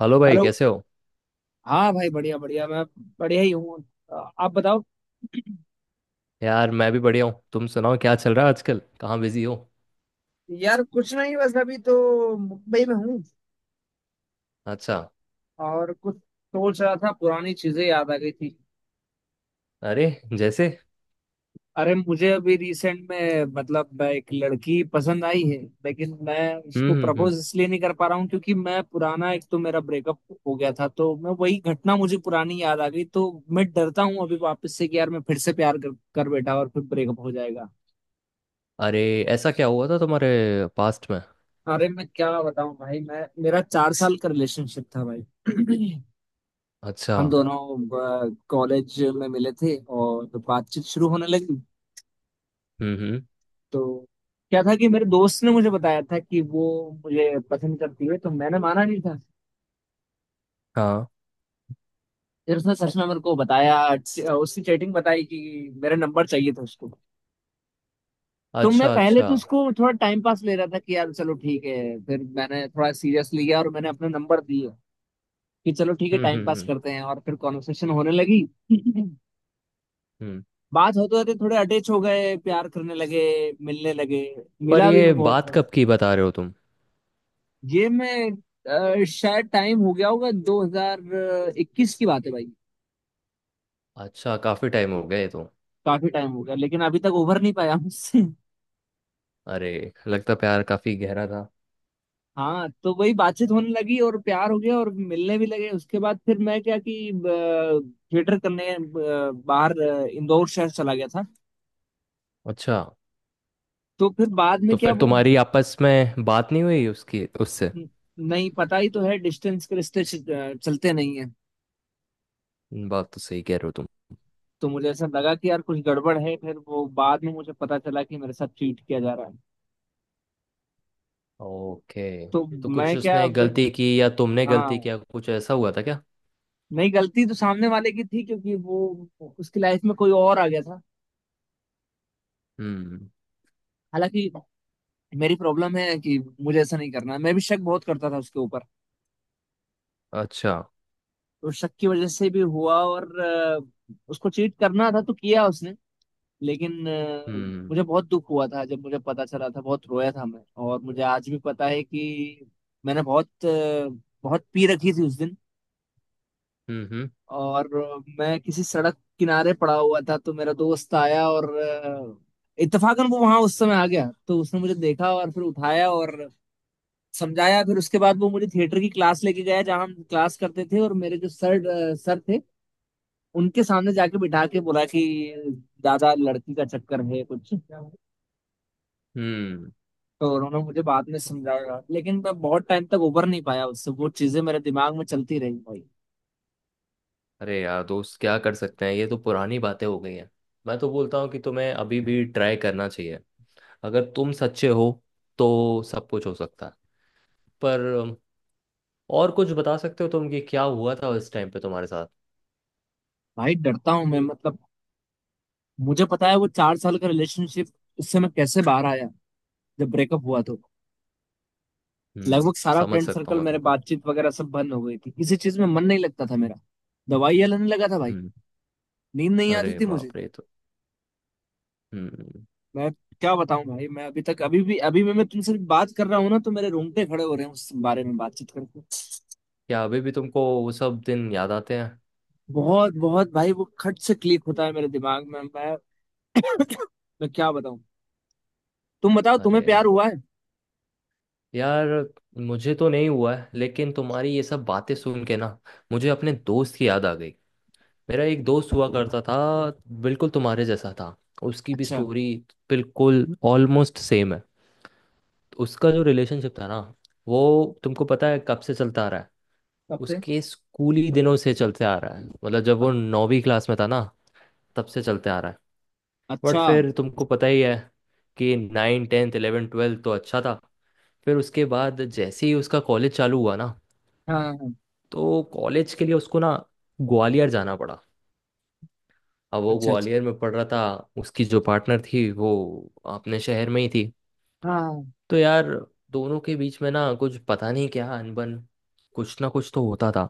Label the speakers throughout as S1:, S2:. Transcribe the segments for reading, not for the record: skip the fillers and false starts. S1: Hello भाई,
S2: hello.
S1: कैसे हो?
S2: हाँ भाई बढ़िया बढ़िया, मैं बढ़िया ही हूँ। आप बताओ।
S1: यार, मैं भी बढ़िया हूँ। तुम सुनाओ, क्या चल रहा है आजकल? कहाँ बिजी हो?
S2: यार कुछ नहीं, बस अभी तो मुंबई में हूँ।
S1: अच्छा।
S2: और कुछ सोच रहा था, पुरानी चीजें याद आ गई थी।
S1: अरे, जैसे?
S2: अरे मुझे अभी रिसेंट में मतलब एक लड़की पसंद आई है, लेकिन मैं
S1: हम्म,
S2: उसको
S1: हम्म, हम्म।
S2: प्रपोज इसलिए नहीं कर पा रहा हूँ क्योंकि मैं पुराना, एक तो मेरा ब्रेकअप हो गया था, तो मैं वही घटना मुझे पुरानी याद आ गई, तो मैं डरता हूँ अभी वापस से कि यार मैं फिर से प्यार कर बैठा और फिर ब्रेकअप हो जाएगा।
S1: अरे, ऐसा क्या हुआ था तुम्हारे पास्ट में?
S2: अरे मैं क्या बताऊं भाई, मैं मेरा 4 साल का रिलेशनशिप था भाई।
S1: अच्छा।
S2: हम दोनों कॉलेज में मिले थे और तो बातचीत शुरू होने लगी।
S1: हम्म, हम्म।
S2: तो क्या था कि मेरे दोस्त ने मुझे बताया था कि वो मुझे पसंद करती है, तो मैंने माना नहीं था।
S1: हाँ।
S2: फिर उसने सच में मेरे को बताया, उसकी चैटिंग बताई कि मेरा नंबर चाहिए था उसको। तो मैं
S1: अच्छा,
S2: पहले
S1: अच्छा।
S2: तो उसको थोड़ा टाइम पास ले रहा था कि यार चलो ठीक है। फिर मैंने थोड़ा सीरियस लिया और मैंने अपना नंबर दिया कि चलो ठीक है
S1: हम्म,
S2: टाइम
S1: हम्म,
S2: पास
S1: हम्म,
S2: करते हैं, और फिर कॉन्वर्सेशन होने लगी।
S1: हम्म।
S2: बात होते होते थोड़े अटैच हो गए, प्यार करने लगे, मिलने लगे।
S1: पर
S2: मिला भी
S1: ये
S2: मैं बहुत
S1: बात
S2: कम।
S1: कब की बता रहे हो तुम?
S2: ये मैं शायद टाइम हो गया होगा, 2021 की बात है भाई।
S1: अच्छा, काफी टाइम हो गए तो।
S2: काफी टाइम हो गया, लेकिन अभी तक उभर नहीं पाया मुझसे।
S1: अरे, लगता प्यार काफी गहरा था।
S2: हाँ तो वही बातचीत होने लगी और प्यार हो गया और मिलने भी लगे। उसके बाद फिर मैं क्या कि थिएटर करने बाहर इंदौर शहर चला गया था।
S1: अच्छा।
S2: तो फिर बाद में
S1: तो
S2: क्या
S1: फिर
S2: वो,
S1: तुम्हारी आपस में बात नहीं हुई उसकी, उससे?
S2: नहीं पता ही तो है, डिस्टेंस के रिश्ते चलते नहीं है।
S1: बात तो सही कह रहे हो तुम।
S2: तो मुझे ऐसा लगा कि यार कुछ गड़बड़ है, फिर वो बाद में मुझे पता चला कि मेरे साथ चीट किया जा रहा है।
S1: ओके।
S2: तो
S1: तो कुछ
S2: मैं क्या
S1: उसने
S2: अब।
S1: गलती की या तुमने गलती
S2: हाँ।
S1: किया, कुछ ऐसा हुआ था क्या?
S2: नहीं, गलती तो सामने वाले की थी क्योंकि वो, उसकी लाइफ में कोई और आ गया था।
S1: हम्म।
S2: हालांकि मेरी प्रॉब्लम है कि मुझे ऐसा नहीं करना है। मैं भी शक बहुत करता था उसके ऊपर।
S1: अच्छा।
S2: तो शक की वजह से भी हुआ और उसको चीट करना था तो किया उसने। लेकिन
S1: हम्म,
S2: मुझे बहुत दुख हुआ था जब मुझे पता चला था, बहुत रोया था मैं। और मुझे आज भी पता है कि मैंने बहुत पी रखी थी उस दिन।
S1: हम्म, हम्म,
S2: और मैं किसी सड़क किनारे पड़ा हुआ था, तो मेरा दोस्त आया और इत्तेफाकन वो वहां उस समय आ गया, तो उसने मुझे देखा और फिर उठाया और समझाया। फिर उसके बाद वो मुझे थिएटर की क्लास लेके गया जहाँ हम क्लास करते थे, और मेरे जो सर थे उनके सामने जाके बिठा के बोला कि दादा लड़की का चक्कर है कुछ।
S1: हम्म।
S2: तो उन्होंने मुझे बाद में समझाया, लेकिन मैं बहुत टाइम तक उबर नहीं पाया उससे। वो चीजें मेरे दिमाग में चलती रही भाई।
S1: अरे यार, दोस्त क्या कर सकते हैं, ये तो पुरानी बातें हो गई हैं। मैं तो बोलता हूँ कि तुम्हें अभी भी ट्राई करना चाहिए। अगर तुम सच्चे हो तो सब कुछ हो सकता है। पर और कुछ बता सकते हो तुम कि क्या हुआ था उस टाइम पे तुम्हारे साथ?
S2: भाई डरता हूँ मैं, मतलब मुझे पता है वो 4 साल का रिलेशनशिप, उससे मैं कैसे बाहर आया जब ब्रेकअप हुआ तो। लगभग सारा
S1: समझ
S2: फ्रेंड
S1: सकता हूँ
S2: सर्कल,
S1: मैं
S2: मेरे
S1: तुमको।
S2: बातचीत वगैरह सब बंद हो गई थी, किसी चीज में मन नहीं लगता था मेरा। दवाइयाँ लेने लगा था भाई।
S1: हम्म।
S2: नींद नहीं आती
S1: अरे
S2: थी मुझे।
S1: बाप रे। तो हम्म।
S2: मैं क्या बताऊं भाई, मैं अभी तक, अभी भी मैं तुमसे बात कर रहा हूँ ना तो मेरे रोंगटे खड़े हो रहे हैं उस बारे में बातचीत करके।
S1: क्या अभी भी तुमको वो सब दिन याद आते हैं?
S2: बहुत बहुत भाई, वो खट से क्लिक होता है मेरे दिमाग में। मैं मैं क्या बताऊं। तुम बताओ, तुम्हें प्यार
S1: अरे
S2: हुआ है।
S1: यार, मुझे तो नहीं हुआ है, लेकिन तुम्हारी ये सब बातें सुन के ना, मुझे अपने दोस्त की याद आ गई। मेरा एक दोस्त हुआ करता था, बिल्कुल तुम्हारे जैसा था। उसकी भी
S2: अच्छा।
S1: स्टोरी बिल्कुल ऑलमोस्ट सेम है। उसका जो रिलेशनशिप था ना वो, तुमको पता है कब से चलता आ रहा है?
S2: कब से।
S1: उसके स्कूली दिनों से चलते आ रहा है। मतलब जब वो नौवीं क्लास में था ना, तब से चलते आ रहा है। बट
S2: अच्छा हाँ।
S1: फिर तुमको पता ही है कि नाइन, टेंथ, इलेवन, ट्वेल्थ तो अच्छा था। फिर उसके बाद जैसे ही उसका कॉलेज चालू हुआ ना,
S2: हाँ, हाँ।
S1: तो कॉलेज के लिए उसको ना ग्वालियर जाना पड़ा। अब वो
S2: अच्छा अच्छा।
S1: ग्वालियर में पढ़ रहा था। उसकी जो पार्टनर थी वो अपने शहर में ही थी।
S2: हाँ हाँ।
S1: तो यार, दोनों के बीच में ना कुछ पता नहीं क्या अनबन, कुछ ना कुछ तो होता था।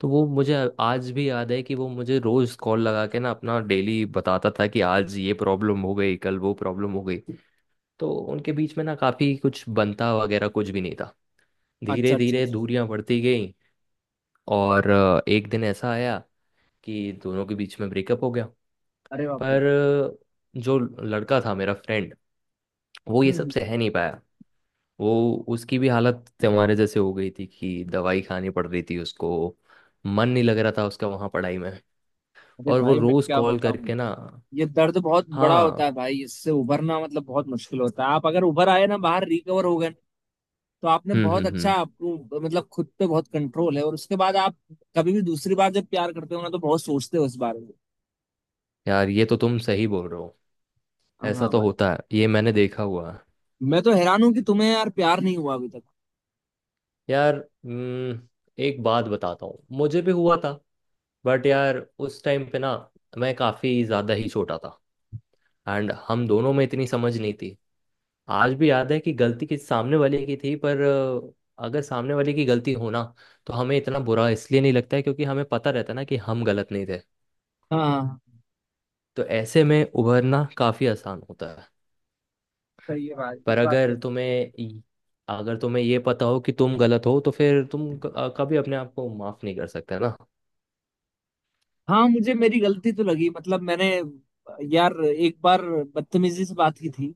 S1: तो वो मुझे आज भी याद है कि वो मुझे रोज कॉल लगा के ना अपना डेली बताता था कि आज ये प्रॉब्लम हो गई, कल वो प्रॉब्लम हो गई। तो उनके बीच में ना काफी कुछ बनता वगैरह कुछ भी नहीं था।
S2: अच्छा
S1: धीरे
S2: अच्छा
S1: धीरे
S2: अच्छा।
S1: दूरियां बढ़ती गई। और एक दिन ऐसा आया कि दोनों के बीच में ब्रेकअप हो गया।
S2: अरे बाप रे।
S1: पर जो लड़का था मेरा फ्रेंड, वो ये
S2: हम्म
S1: सब
S2: हम्म।
S1: सह नहीं पाया। वो, उसकी भी हालत हमारे जैसे हो गई थी कि दवाई खानी पड़ रही थी उसको। मन नहीं लग रहा था उसका वहाँ पढ़ाई में।
S2: अरे
S1: और वो
S2: भाई मैं
S1: रोज
S2: क्या
S1: कॉल
S2: बताऊं।
S1: करके ना।
S2: ये दर्द बहुत बड़ा होता
S1: हाँ।
S2: है भाई, इससे उभरना मतलब बहुत मुश्किल होता है। आप अगर उभर आए ना, बाहर रिकवर हो गए, तो आपने
S1: हम्म,
S2: बहुत
S1: हम्म,
S2: अच्छा,
S1: हम्म।
S2: आपको मतलब खुद पे बहुत कंट्रोल है। और उसके बाद आप कभी भी दूसरी बार जब प्यार करते हो ना, तो बहुत सोचते हो इस बारे में।
S1: यार, ये तो तुम सही बोल रहे हो। ऐसा
S2: हाँ
S1: तो
S2: भाई।
S1: होता है, ये मैंने देखा हुआ है।
S2: मैं तो हैरान हूँ कि तुम्हें यार प्यार नहीं हुआ अभी तक।
S1: यार, एक बात बताता हूँ। मुझे भी हुआ था, बट यार उस टाइम पे ना मैं काफी ज्यादा ही छोटा था। एंड हम दोनों में इतनी समझ नहीं थी। आज भी याद है कि गलती किस सामने वाले की थी, पर अगर सामने वाले की गलती हो ना, तो हमें इतना बुरा इसलिए नहीं लगता है, क्योंकि हमें पता रहता है ना कि हम गलत नहीं थे।
S2: हाँ
S1: तो ऐसे में उभरना काफी आसान होता है।
S2: सही है भाई, ये
S1: पर
S2: बात तो
S1: अगर
S2: है।
S1: तुम्हें इ- अगर तुम्हें ये पता हो कि तुम गलत हो, तो फिर तुम कभी अपने आप को माफ नहीं कर सकते ना।
S2: हाँ मुझे मेरी गलती तो लगी, मतलब मैंने, यार एक बार बदतमीजी से बात की थी।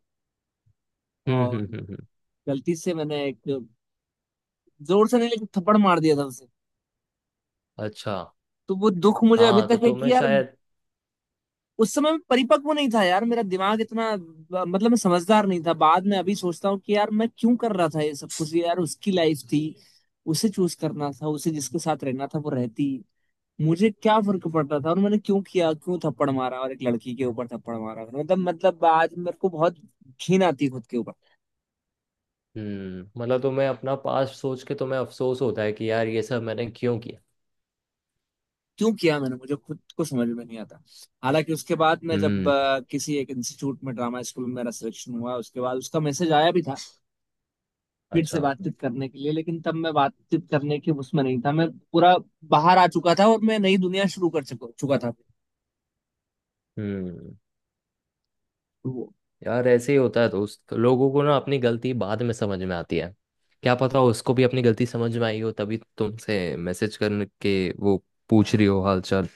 S1: हम्म,
S2: और
S1: हम्म, हम्म,
S2: गलती से मैंने एक, जोर से नहीं, लेकिन थप्पड़ मार दिया था उसे।
S1: अच्छा।
S2: तो वो दुख मुझे अभी
S1: हाँ, तो
S2: तक है कि
S1: तुम्हें
S2: यार
S1: शायद।
S2: उस समय मैं परिपक्व नहीं था यार, मेरा दिमाग इतना, मतलब मैं समझदार नहीं था। बाद में अभी सोचता हूँ कि यार मैं क्यों कर रहा था ये सब कुछ, यार उसकी लाइफ थी, उसे चूज करना था, उसे जिसके साथ रहना था वो रहती। मुझे क्या फर्क पड़ता था। और मैंने क्यों किया, क्यों थप्पड़ मारा, और एक लड़की के ऊपर थप्पड़ मारा, मतलब मतलब आज मेरे को बहुत घिन आती है खुद के ऊपर।
S1: मतलब तो मैं अपना पास्ट सोच के, तो मैं अफसोस होता है कि यार ये सब मैंने क्यों किया।
S2: क्यों किया मैंने, मुझे खुद को समझ में नहीं आता। हालांकि उसके बाद मैं जब
S1: हम्म।
S2: किसी एक इंस्टीट्यूट में, ड्रामा स्कूल में मेरा सिलेक्शन हुआ, उसके बाद उसका मैसेज आया भी था फिर से
S1: अच्छा।
S2: बातचीत करने के लिए, लेकिन तब मैं बातचीत करने के उसमें नहीं था। मैं पूरा बाहर आ चुका था और मैं नई दुनिया शुरू कर चुका चुका था।
S1: हम्म।
S2: तो वो।
S1: यार, ऐसे ही होता है दोस्त। तो लोगों को ना अपनी गलती बाद में समझ में आती है। क्या पता उसको भी अपनी गलती समझ में आई हो, तभी तुमसे मैसेज करके वो पूछ रही हो हालचाल।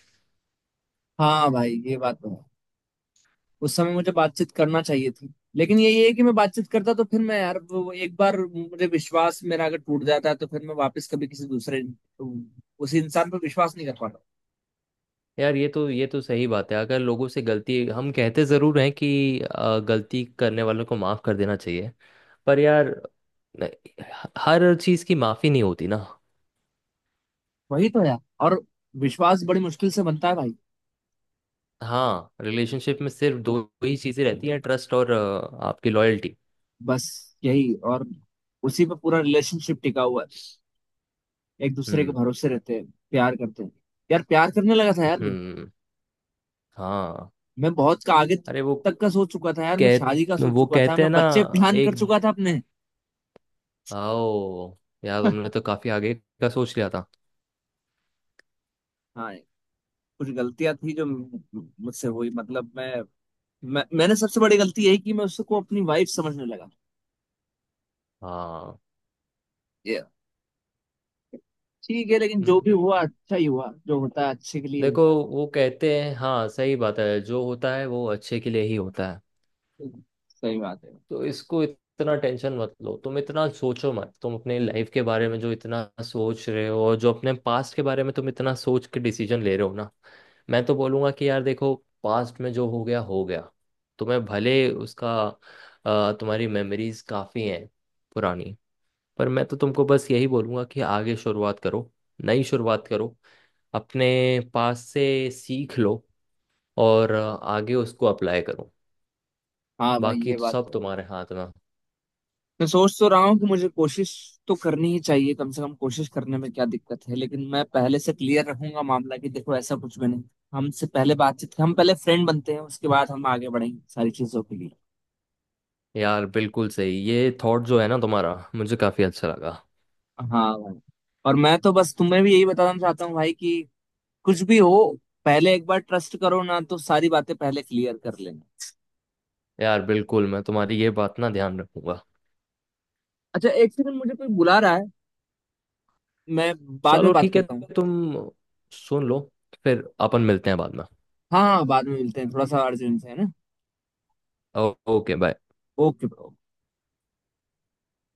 S2: हाँ भाई ये बात तो है। उस समय मुझे बातचीत करना चाहिए थी, लेकिन यही है कि मैं बातचीत करता तो फिर मैं यार, वो एक बार मुझे विश्वास, मेरा अगर टूट जाता है तो फिर मैं वापस कभी किसी दूसरे, उसी इंसान पर विश्वास नहीं कर पाता।
S1: यार ये तो, ये तो सही बात है। अगर लोगों से गलती, हम कहते ज़रूर हैं कि गलती करने वालों को माफ़ कर देना चाहिए, पर यार, नहीं, हर चीज़ की माफ़ी नहीं होती ना।
S2: वही तो यार। और विश्वास बड़ी मुश्किल से बनता है भाई।
S1: हाँ, रिलेशनशिप में सिर्फ दो ही चीजें रहती हैं, ट्रस्ट और आपकी लॉयल्टी।
S2: बस यही। और उसी पे पूरा रिलेशनशिप टिका हुआ है, एक दूसरे के
S1: हम्म,
S2: भरोसे रहते हैं, प्यार करते हैं। यार प्यार करने लगा था यार मैं।
S1: हम्म। हाँ।
S2: मैं बहुत का आगे
S1: अरे
S2: तक का सोच चुका था यार, मैं शादी का
S1: कह
S2: सोच
S1: वो
S2: चुका था,
S1: कहते हैं
S2: मैं
S1: ना,
S2: बच्चे प्लान कर
S1: एक,
S2: चुका था अपने।
S1: आओ। यार, तुमने तो काफी आगे का सोच लिया था।
S2: हाँ। कुछ गलतियां थी जो मुझसे हुई, मतलब मैं मैंने सबसे बड़ी गलती यही की, मैं उसको अपनी वाइफ समझने लगा।
S1: हाँ।
S2: ये ठीक है, लेकिन जो भी
S1: हम्म,
S2: हुआ अच्छा ही हुआ, जो होता है अच्छे के लिए
S1: देखो,
S2: होता
S1: वो कहते हैं, हाँ, सही बात है, जो होता है वो अच्छे के लिए ही होता है।
S2: है। सही बात है।
S1: तो इसको इतना टेंशन मत लो तुम, इतना सोचो मत तुम अपने लाइफ के बारे में। जो इतना सोच रहे हो और जो अपने पास्ट के बारे में तुम इतना सोच के डिसीजन ले रहे हो ना, मैं तो बोलूंगा कि यार देखो, पास्ट में जो हो गया हो गया। तुम्हें भले उसका, तुम्हारी मेमोरीज काफ़ी हैं पुरानी, पर मैं तो तुमको बस यही बोलूंगा कि आगे शुरुआत करो, नई शुरुआत करो। अपने पास से सीख लो, और आगे उसको अप्लाई करो।
S2: हाँ भाई
S1: बाकी
S2: ये
S1: तो
S2: बात
S1: सब
S2: तो है।
S1: तुम्हारे हाथ में।
S2: मैं सोच तो रहा हूँ कि मुझे कोशिश तो करनी ही चाहिए, कम से कम कोशिश करने में क्या दिक्कत है। लेकिन मैं पहले से क्लियर रखूंगा मामला कि देखो ऐसा कुछ भी नहीं, हमसे पहले बातचीत, हम पहले फ्रेंड बनते हैं, उसके बाद हम आगे बढ़ेंगे सारी चीजों के लिए।
S1: यार बिल्कुल सही, ये थॉट जो है ना तुम्हारा, मुझे काफी अच्छा लगा।
S2: हाँ भाई। और मैं तो बस तुम्हें भी यही बताना चाहता हूँ भाई कि कुछ भी हो, पहले एक बार ट्रस्ट करो ना, तो सारी बातें पहले क्लियर कर लेना।
S1: यार बिल्कुल, मैं तुम्हारी ये बात ना ध्यान रखूंगा।
S2: अच्छा 1 सेकंड, मुझे कोई बुला रहा है। मैं बाद में
S1: चलो
S2: बात
S1: ठीक है,
S2: करता हूँ।
S1: तुम सुन लो, फिर अपन मिलते हैं बाद में।
S2: हाँ हाँ बाद में मिलते हैं, थोड़ा सा अर्जेंट है ना।
S1: Okay, bye.
S2: Okay bro.